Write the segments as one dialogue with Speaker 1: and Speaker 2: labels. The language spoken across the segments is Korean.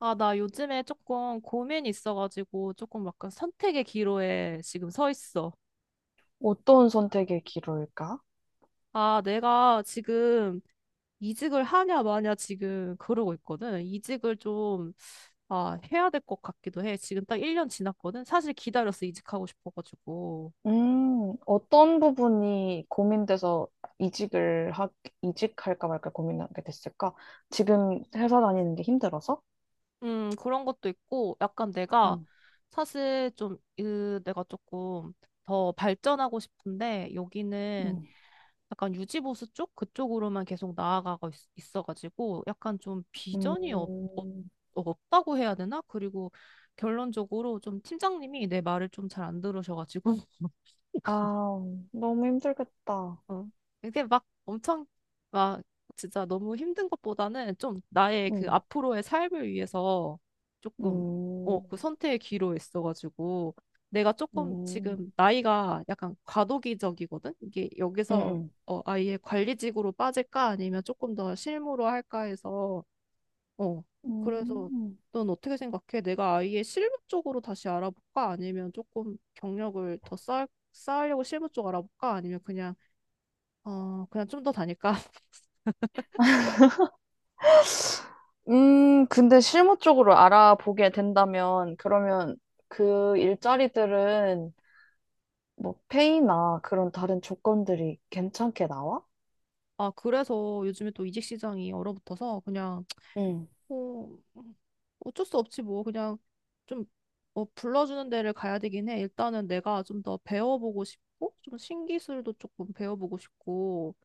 Speaker 1: 아, 나 요즘에 조금 고민이 있어가지고 조금 약간 선택의 기로에 지금 서 있어.
Speaker 2: 어떤 선택의 기로일까?
Speaker 1: 아, 내가 지금 이직을 하냐 마냐 지금 그러고 있거든. 이직을 좀, 아, 해야 될 것 같기도 해. 지금 딱 1년 지났거든. 사실 기다렸어, 이직하고 싶어가지고.
Speaker 2: 어떤 부분이 고민돼서 이직을 하, 이직할까 말까 고민하게 됐을까? 지금 회사 다니는 게 힘들어서?
Speaker 1: 그런 것도 있고, 약간 내가
Speaker 2: 응,
Speaker 1: 사실 좀, 내가 조금 더 발전하고 싶은데, 여기는
Speaker 2: 응,
Speaker 1: 약간 유지보수 쪽 그쪽으로만 계속 나아가고 어가지고 약간 좀 비전이
Speaker 2: 음,
Speaker 1: 없다고 해야 되나? 그리고 결론적으로 좀 팀장님이 내 말을 좀 잘 안 들으셔가지고
Speaker 2: 아, 너무 힘들겠다.
Speaker 1: 어. 이게 막 엄청 막 진짜 너무 힘든 것보다는 좀 나의 그
Speaker 2: 응,
Speaker 1: 앞으로의 삶을 위해서
Speaker 2: 응,
Speaker 1: 조금 그 선택의 기로 있어가지고 내가 조금
Speaker 2: 음,
Speaker 1: 지금 나이가 약간 과도기적이거든? 이게 여기서
Speaker 2: 음.
Speaker 1: 아예 관리직으로 빠질까 아니면 조금 더 실무로 할까 해서 어, 그래서
Speaker 2: 응.
Speaker 1: 넌 어떻게 생각해? 내가 아예 실무 쪽으로 다시 알아볼까? 아니면 조금 경력을 더 쌓으려고 실무 쪽 알아볼까? 아니면 그냥 그냥 좀 더 다닐까?
Speaker 2: 근데 실무 쪽으로 알아보게 된다면, 그러면 그 일자리들은 뭐 페이나 그런 다른 조건들이 괜찮게 나와?
Speaker 1: 아, 그래서 요즘에 또 이직 시장이 얼어붙어서 그냥,
Speaker 2: 응.
Speaker 1: 어, 어쩔 수 없지 뭐. 그냥 좀, 불러주는 데를 가야 되긴 해. 일단은 내가 좀 더 배워보고 싶고, 좀 신기술도 조금 배워보고 싶고,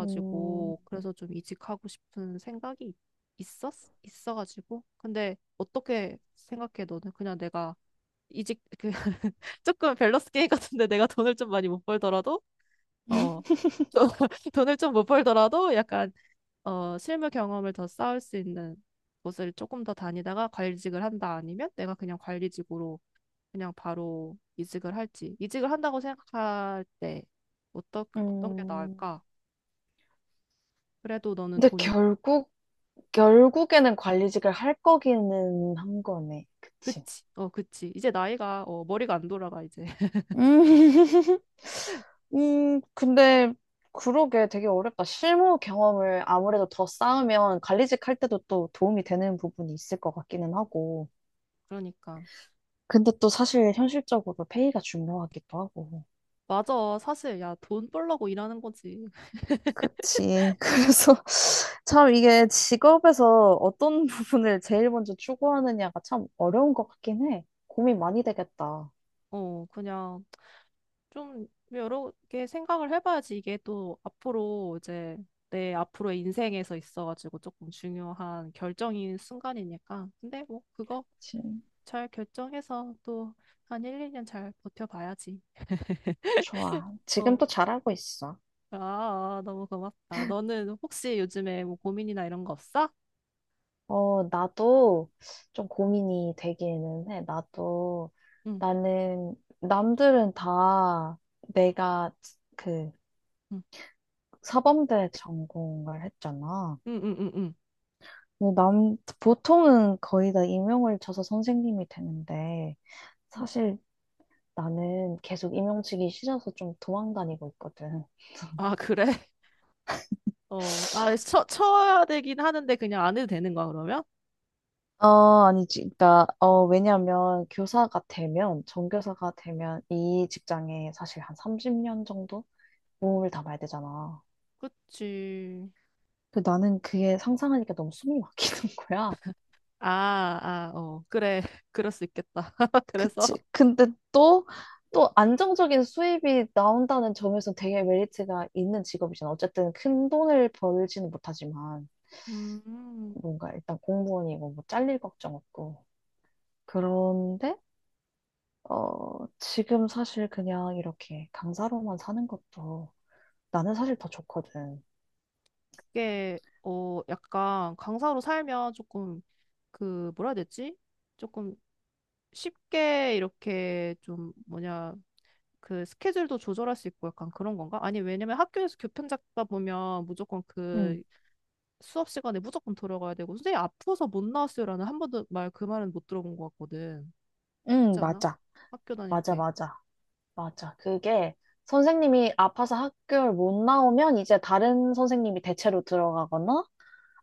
Speaker 2: 음,
Speaker 1: 그래서 좀 이직하고 싶은 생각이 있었, 있어가지고. 근데 어떻게 생각해, 너는? 그냥 내가 이직, 그, 조금 밸런스 게임 같은데 내가 돈을 좀 많이 못 벌더라도 어, 좀 돈을 좀 못 벌더라도 약간 실무 경험을 더 쌓을 수 있는 곳을 조금 더 다니다가 관리직을 한다 아니면 내가 그냥 관리직으로 그냥 바로 이직을 할지. 이직을 한다고 생각할 때 어떤 게
Speaker 2: 음,
Speaker 1: 나을까? 그래도 너는
Speaker 2: 근데
Speaker 1: 돈이
Speaker 2: 결국에는 관리직을 할 거기는 한 거네. 그치?
Speaker 1: 그치. 어, 그치. 이제 나이가 머리가 안 돌아가 이제.
Speaker 2: 음, 근데 그러게 되게 어렵다. 실무 경험을 아무래도 더 쌓으면 관리직 할 때도 또 도움이 되는 부분이 있을 것 같기는 하고.
Speaker 1: 그러니까.
Speaker 2: 근데 또 사실 현실적으로 페이가 중요하기도 하고.
Speaker 1: 맞아. 사실 야, 돈 벌려고 일하는 거지.
Speaker 2: 그치. 그래서 참 이게 직업에서 어떤 부분을 제일 먼저 추구하느냐가 참 어려운 것 같긴 해. 고민 많이 되겠다.
Speaker 1: 그냥 좀 여러 개 생각을 해봐야지 이게 또 앞으로 이제 내 앞으로의 인생에서 있어가지고 조금 중요한 결정인 순간이니까. 근데 뭐 그거
Speaker 2: 그치.
Speaker 1: 잘 결정해서 또 한 1, 2년 잘 버텨봐야지.
Speaker 2: 좋아. 지금
Speaker 1: 어.
Speaker 2: 또 잘하고 있어.
Speaker 1: 아, 아, 너무 고맙다. 너는 혹시 요즘에 뭐 고민이나 이런 거 없어?
Speaker 2: 어, 나도 좀 고민이 되기는 해. 나도,
Speaker 1: 응,
Speaker 2: 나는, 남들은 다 내가 그
Speaker 1: 응,
Speaker 2: 사범대 전공을 했잖아.
Speaker 1: 응, 응, 응. 응.
Speaker 2: 근데 보통은 거의 다 임용을 쳐서 선생님이 되는데,
Speaker 1: 응.
Speaker 2: 사실 나는 계속 임용직이 싫어서 좀 도망 다니고 있거든.
Speaker 1: 아, 그래? 어. 아, 쳐야 되긴 하는데 그냥 안 해도 되는 거야, 그러면?
Speaker 2: 어, 아니지. 그러니까, 어, 왜냐면 교사가 되면, 전교사가 되면 이 직장에 사실 한 30년 정도 몸을 담아야 되잖아.
Speaker 1: 그치.
Speaker 2: 그 나는 그게 상상하니까 너무 숨이 막히는 거야.
Speaker 1: 아, 아, 어, 그래, 그럴 수 있겠다. 그래서,
Speaker 2: 그치. 근데 또, 또 안정적인 수입이 나온다는 점에서 되게 메리트가 있는 직업이잖아. 어쨌든 큰 돈을 벌지는 못하지만,
Speaker 1: 음,
Speaker 2: 뭔가 일단 공무원이고 뭐 잘릴 걱정 없고. 그런데 지금 사실 그냥 이렇게 강사로만 사는 것도 나는 사실 더 좋거든.
Speaker 1: 그게, 약간 강사로 살면 조금, 그, 뭐라 해야 되지? 조금 쉽게 이렇게 좀, 뭐냐, 그 스케줄도 조절할 수 있고 약간 그런 건가? 아니, 왜냐면 학교에서 교편 잡다 보면 무조건
Speaker 2: 응,
Speaker 1: 그 수업 시간에 무조건 들어가야 되고, 선생님 아파서 못 나왔어요라는 한 번도 그 말은 못 들어본 것 같거든.
Speaker 2: 응,
Speaker 1: 그렇지 않아?
Speaker 2: 맞아.
Speaker 1: 학교 다닐
Speaker 2: 맞아,
Speaker 1: 때.
Speaker 2: 맞아. 맞아. 그게 선생님이 아파서 학교를 못 나오면 이제 다른 선생님이 대체로 들어가거나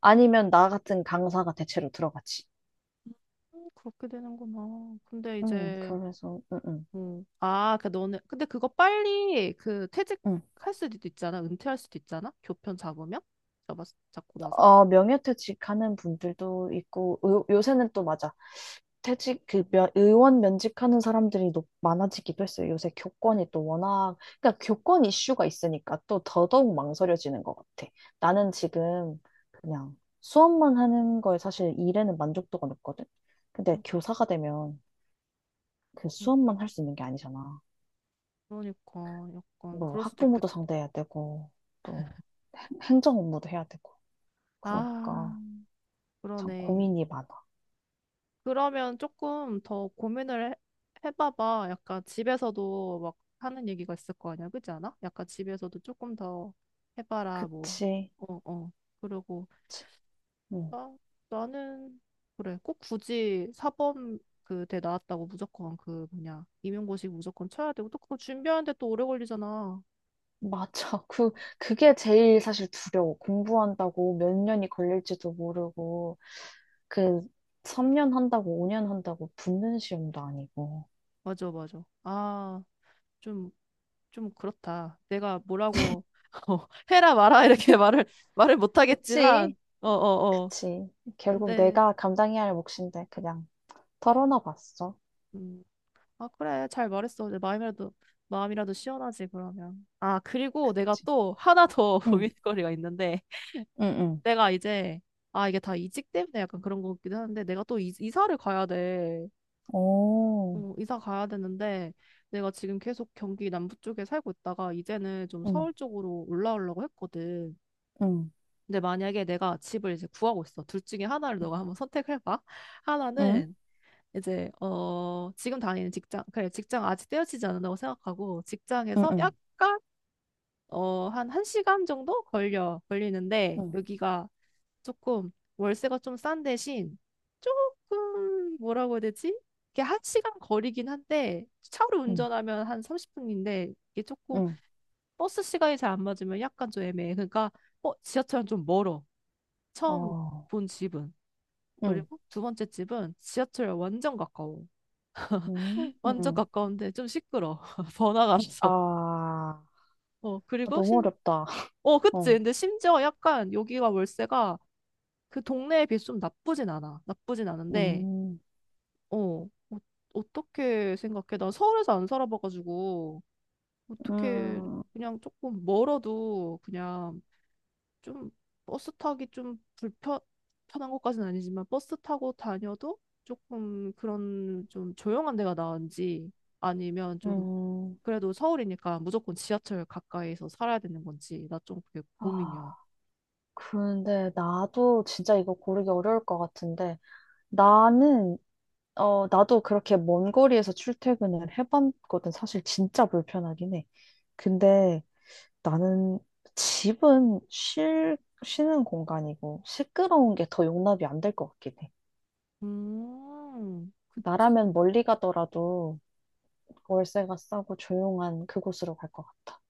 Speaker 2: 아니면 나 같은 강사가 대체로 들어가지.
Speaker 1: 그렇게 되는구나. 근데
Speaker 2: 응,
Speaker 1: 이제,
Speaker 2: 그래서, 응, 응.
Speaker 1: 아, 그 너는 근데 그거 빨리 그
Speaker 2: 응.
Speaker 1: 퇴직할 수도 있잖아. 은퇴할 수도 있잖아. 교편 잡으면 잡았 잡고 나서.
Speaker 2: 어, 명예퇴직하는 분들도 있고, 요새는 또 맞아. 퇴직 그 의원 면직하는 사람들이 많아지기도 했어요. 요새 교권이 또 워낙 그러니까 교권 이슈가 있으니까 또 더더욱 망설여지는 것 같아. 나는 지금 그냥 수업만 하는 거에 사실 일에는 만족도가 높거든. 근데
Speaker 1: 음,
Speaker 2: 교사가 되면 그
Speaker 1: 음,
Speaker 2: 수업만 할 수 있는 게 아니잖아.
Speaker 1: 그러니까 약간
Speaker 2: 뭐
Speaker 1: 그럴 수도 있겠다.
Speaker 2: 학부모도 상대해야 되고 또 행정 업무도 해야 되고
Speaker 1: 아,
Speaker 2: 그러니까 참
Speaker 1: 그러네.
Speaker 2: 고민이 많아.
Speaker 1: 그러면 조금 더 고민을 해봐봐. 약간 집에서도 막 하는 얘기가 있을 거 아니야, 그지 않아? 약간 집에서도 조금 더 해봐라. 뭐,
Speaker 2: 그치.
Speaker 1: 어, 어. 그리고
Speaker 2: 그치. 음.
Speaker 1: 나, 나는, 그래, 꼭 굳이 사범 그대 나왔다고 무조건 그 뭐냐, 임용고시 무조건 쳐야 되고, 또 그거 준비하는데 또 오래 걸리잖아.
Speaker 2: 맞아. 그게 제일 사실 두려워. 공부한다고 몇 년이 걸릴지도 모르고, 그, 3년 한다고, 5년 한다고 붙는 시험도 아니고.
Speaker 1: 맞아, 맞아. 아, 좀, 좀 그렇다. 내가 뭐라고, 해라 마라 이렇게 말을 못하겠지만,
Speaker 2: 그치?
Speaker 1: 어, 어, 어.
Speaker 2: 그치. 결국
Speaker 1: 근데,
Speaker 2: 내가 감당해야 할 몫인데, 그냥 털어놔 봤어.
Speaker 1: 음, 아, 그래, 잘 말했어. 내 마음이라도 시원하지, 그러면. 아, 그리고 내가
Speaker 2: 그치.
Speaker 1: 또 하나 더
Speaker 2: 응,
Speaker 1: 고민거리가 있는데,
Speaker 2: 응, 응.
Speaker 1: 내가 이제 아 이게 다 이직 때문에 약간 그런 거 같기도 하는데 내가 또 이사를 가야 돼.
Speaker 2: 오,
Speaker 1: 이사 가야 되는데 내가 지금 계속 경기 남부 쪽에 살고 있다가 이제는 좀
Speaker 2: 응,
Speaker 1: 서울 쪽으로 올라오려고 했거든.
Speaker 2: 응,
Speaker 1: 근데 만약에 내가 집을 이제 구하고 있어. 둘 중에 하나를 너가 한번 선택해봐.
Speaker 2: 응,
Speaker 1: 하나는 이제 지금 다니는 직장 그래 직장 아직 떼어지지 않는다고 생각하고
Speaker 2: 응, 응,
Speaker 1: 직장에서
Speaker 2: 응,
Speaker 1: 약간 한 한시간 정도 걸려 걸리는데
Speaker 2: 응,
Speaker 1: 여기가 조금 월세가 좀 싼 대신 조금 뭐라고 해야 되지? 이게 한 시간 거리긴 한데 차로
Speaker 2: 응,
Speaker 1: 운전하면 한 30분인데 이게 조금
Speaker 2: 응.
Speaker 1: 버스 시간이 잘 안 맞으면 약간 좀 애매해. 그러니까 지하철은 좀 멀어. 처음
Speaker 2: 어,
Speaker 1: 본 집은.
Speaker 2: 응,
Speaker 1: 그리고 두 번째 집은 지하철 완전 가까워. 완전
Speaker 2: 응.
Speaker 1: 가까운데 좀 시끄러. 번화가라서.
Speaker 2: 아,
Speaker 1: 그리고
Speaker 2: 너무
Speaker 1: 심
Speaker 2: 어렵다.
Speaker 1: 어 그치.
Speaker 2: 어,
Speaker 1: 근데 심지어 약간 여기가 월세가 그 동네에 비해서 좀 나쁘진 않아. 나쁘진 않은데
Speaker 2: 음.
Speaker 1: 어, 어, 어떻게 생각해? 난 서울에서 안 살아봐가지고, 어떻게,
Speaker 2: 음,
Speaker 1: 그냥 조금 멀어도, 그냥 좀 버스 타기 좀 편한 것까지는 아니지만, 버스 타고 다녀도 조금 그런 좀 조용한 데가 나은지, 아니면 좀,
Speaker 2: 음,
Speaker 1: 그래도 서울이니까 무조건 지하철 가까이서 살아야 되는 건지, 나 좀 그게
Speaker 2: 아,
Speaker 1: 고민이야.
Speaker 2: 근데 나도 진짜 이거 고르기 어려울 것 같은데 나는 어 나도 그렇게 먼 거리에서 출퇴근을 해봤거든. 사실 진짜 불편하긴 해. 근데 나는 집은 쉴 쉬는 공간이고 시끄러운 게 더 용납이 안 될 것 같긴 해.
Speaker 1: 그치.
Speaker 2: 나라면 멀리 가더라도 월세가 싸고 조용한 그곳으로 갈 것 같아.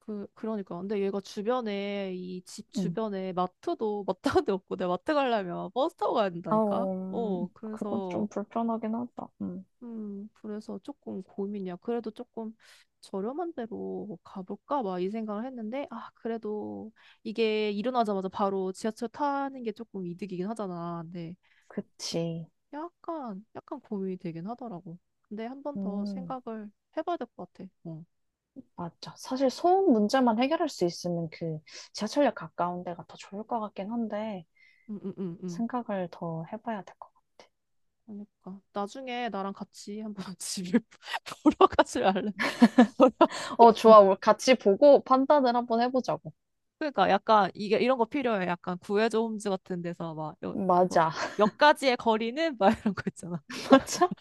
Speaker 1: 그러니까. 근데 얘가 주변에, 이 집
Speaker 2: 음.
Speaker 1: 주변에 마트도, 마트가 데 없고, 내가 마트 가려면 버스 타고 가야 된다니까?
Speaker 2: 아우,
Speaker 1: 어,
Speaker 2: 그건 좀
Speaker 1: 그래서,
Speaker 2: 불편하긴 하다.
Speaker 1: 그래서 조금 고민이야. 그래도 조금 저렴한 데로 가볼까? 막 이 생각을 했는데, 아, 그래도 이게 일어나자마자 바로 지하철 타는 게 조금 이득이긴 하잖아. 근데
Speaker 2: 그치.
Speaker 1: 약간, 약간 고민이 되긴 하더라고. 근데 한 번 더
Speaker 2: 음,
Speaker 1: 생각을 해봐야 될 것 같아. 어.
Speaker 2: 맞죠. 사실 소음 문제만 해결할 수 있으면 그 지하철역 가까운 데가 더 좋을 것 같긴 한데
Speaker 1: 음, 음, 음, 음.
Speaker 2: 생각을 더 해봐야 될 것
Speaker 1: 그러니까 나중에 나랑 같이 한번 집을 보러 가지 말래.
Speaker 2: 같아. 어, 좋아. 우리 같이 보고 판단을 한번 해보자고.
Speaker 1: 그러니까 약간 이게 이런 거 필요해. 약간 구해줘 홈즈 같은 데서 막 뭐,
Speaker 2: 맞아.
Speaker 1: 몇 가지의 거리는 막 이런 거 있잖아.
Speaker 2: 맞아.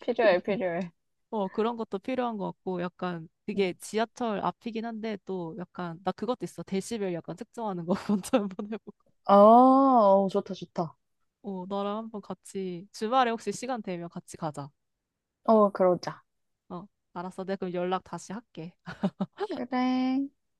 Speaker 2: 필요해, 필요해.
Speaker 1: 그런 것도 필요한 것 같고 약간 그게
Speaker 2: 음.
Speaker 1: 지하철 앞이긴 한데 또 약간 나 그것도 있어. 데시벨 약간 측정하는 거 먼저 한번 해보고.
Speaker 2: 좋다, 좋다.
Speaker 1: 나랑 한번 같이 주말에 혹시 시간 되면 같이 가자.
Speaker 2: 어, 그러자.
Speaker 1: 어 알았어. 내가 그럼 연락 다시 할게.
Speaker 2: 그래.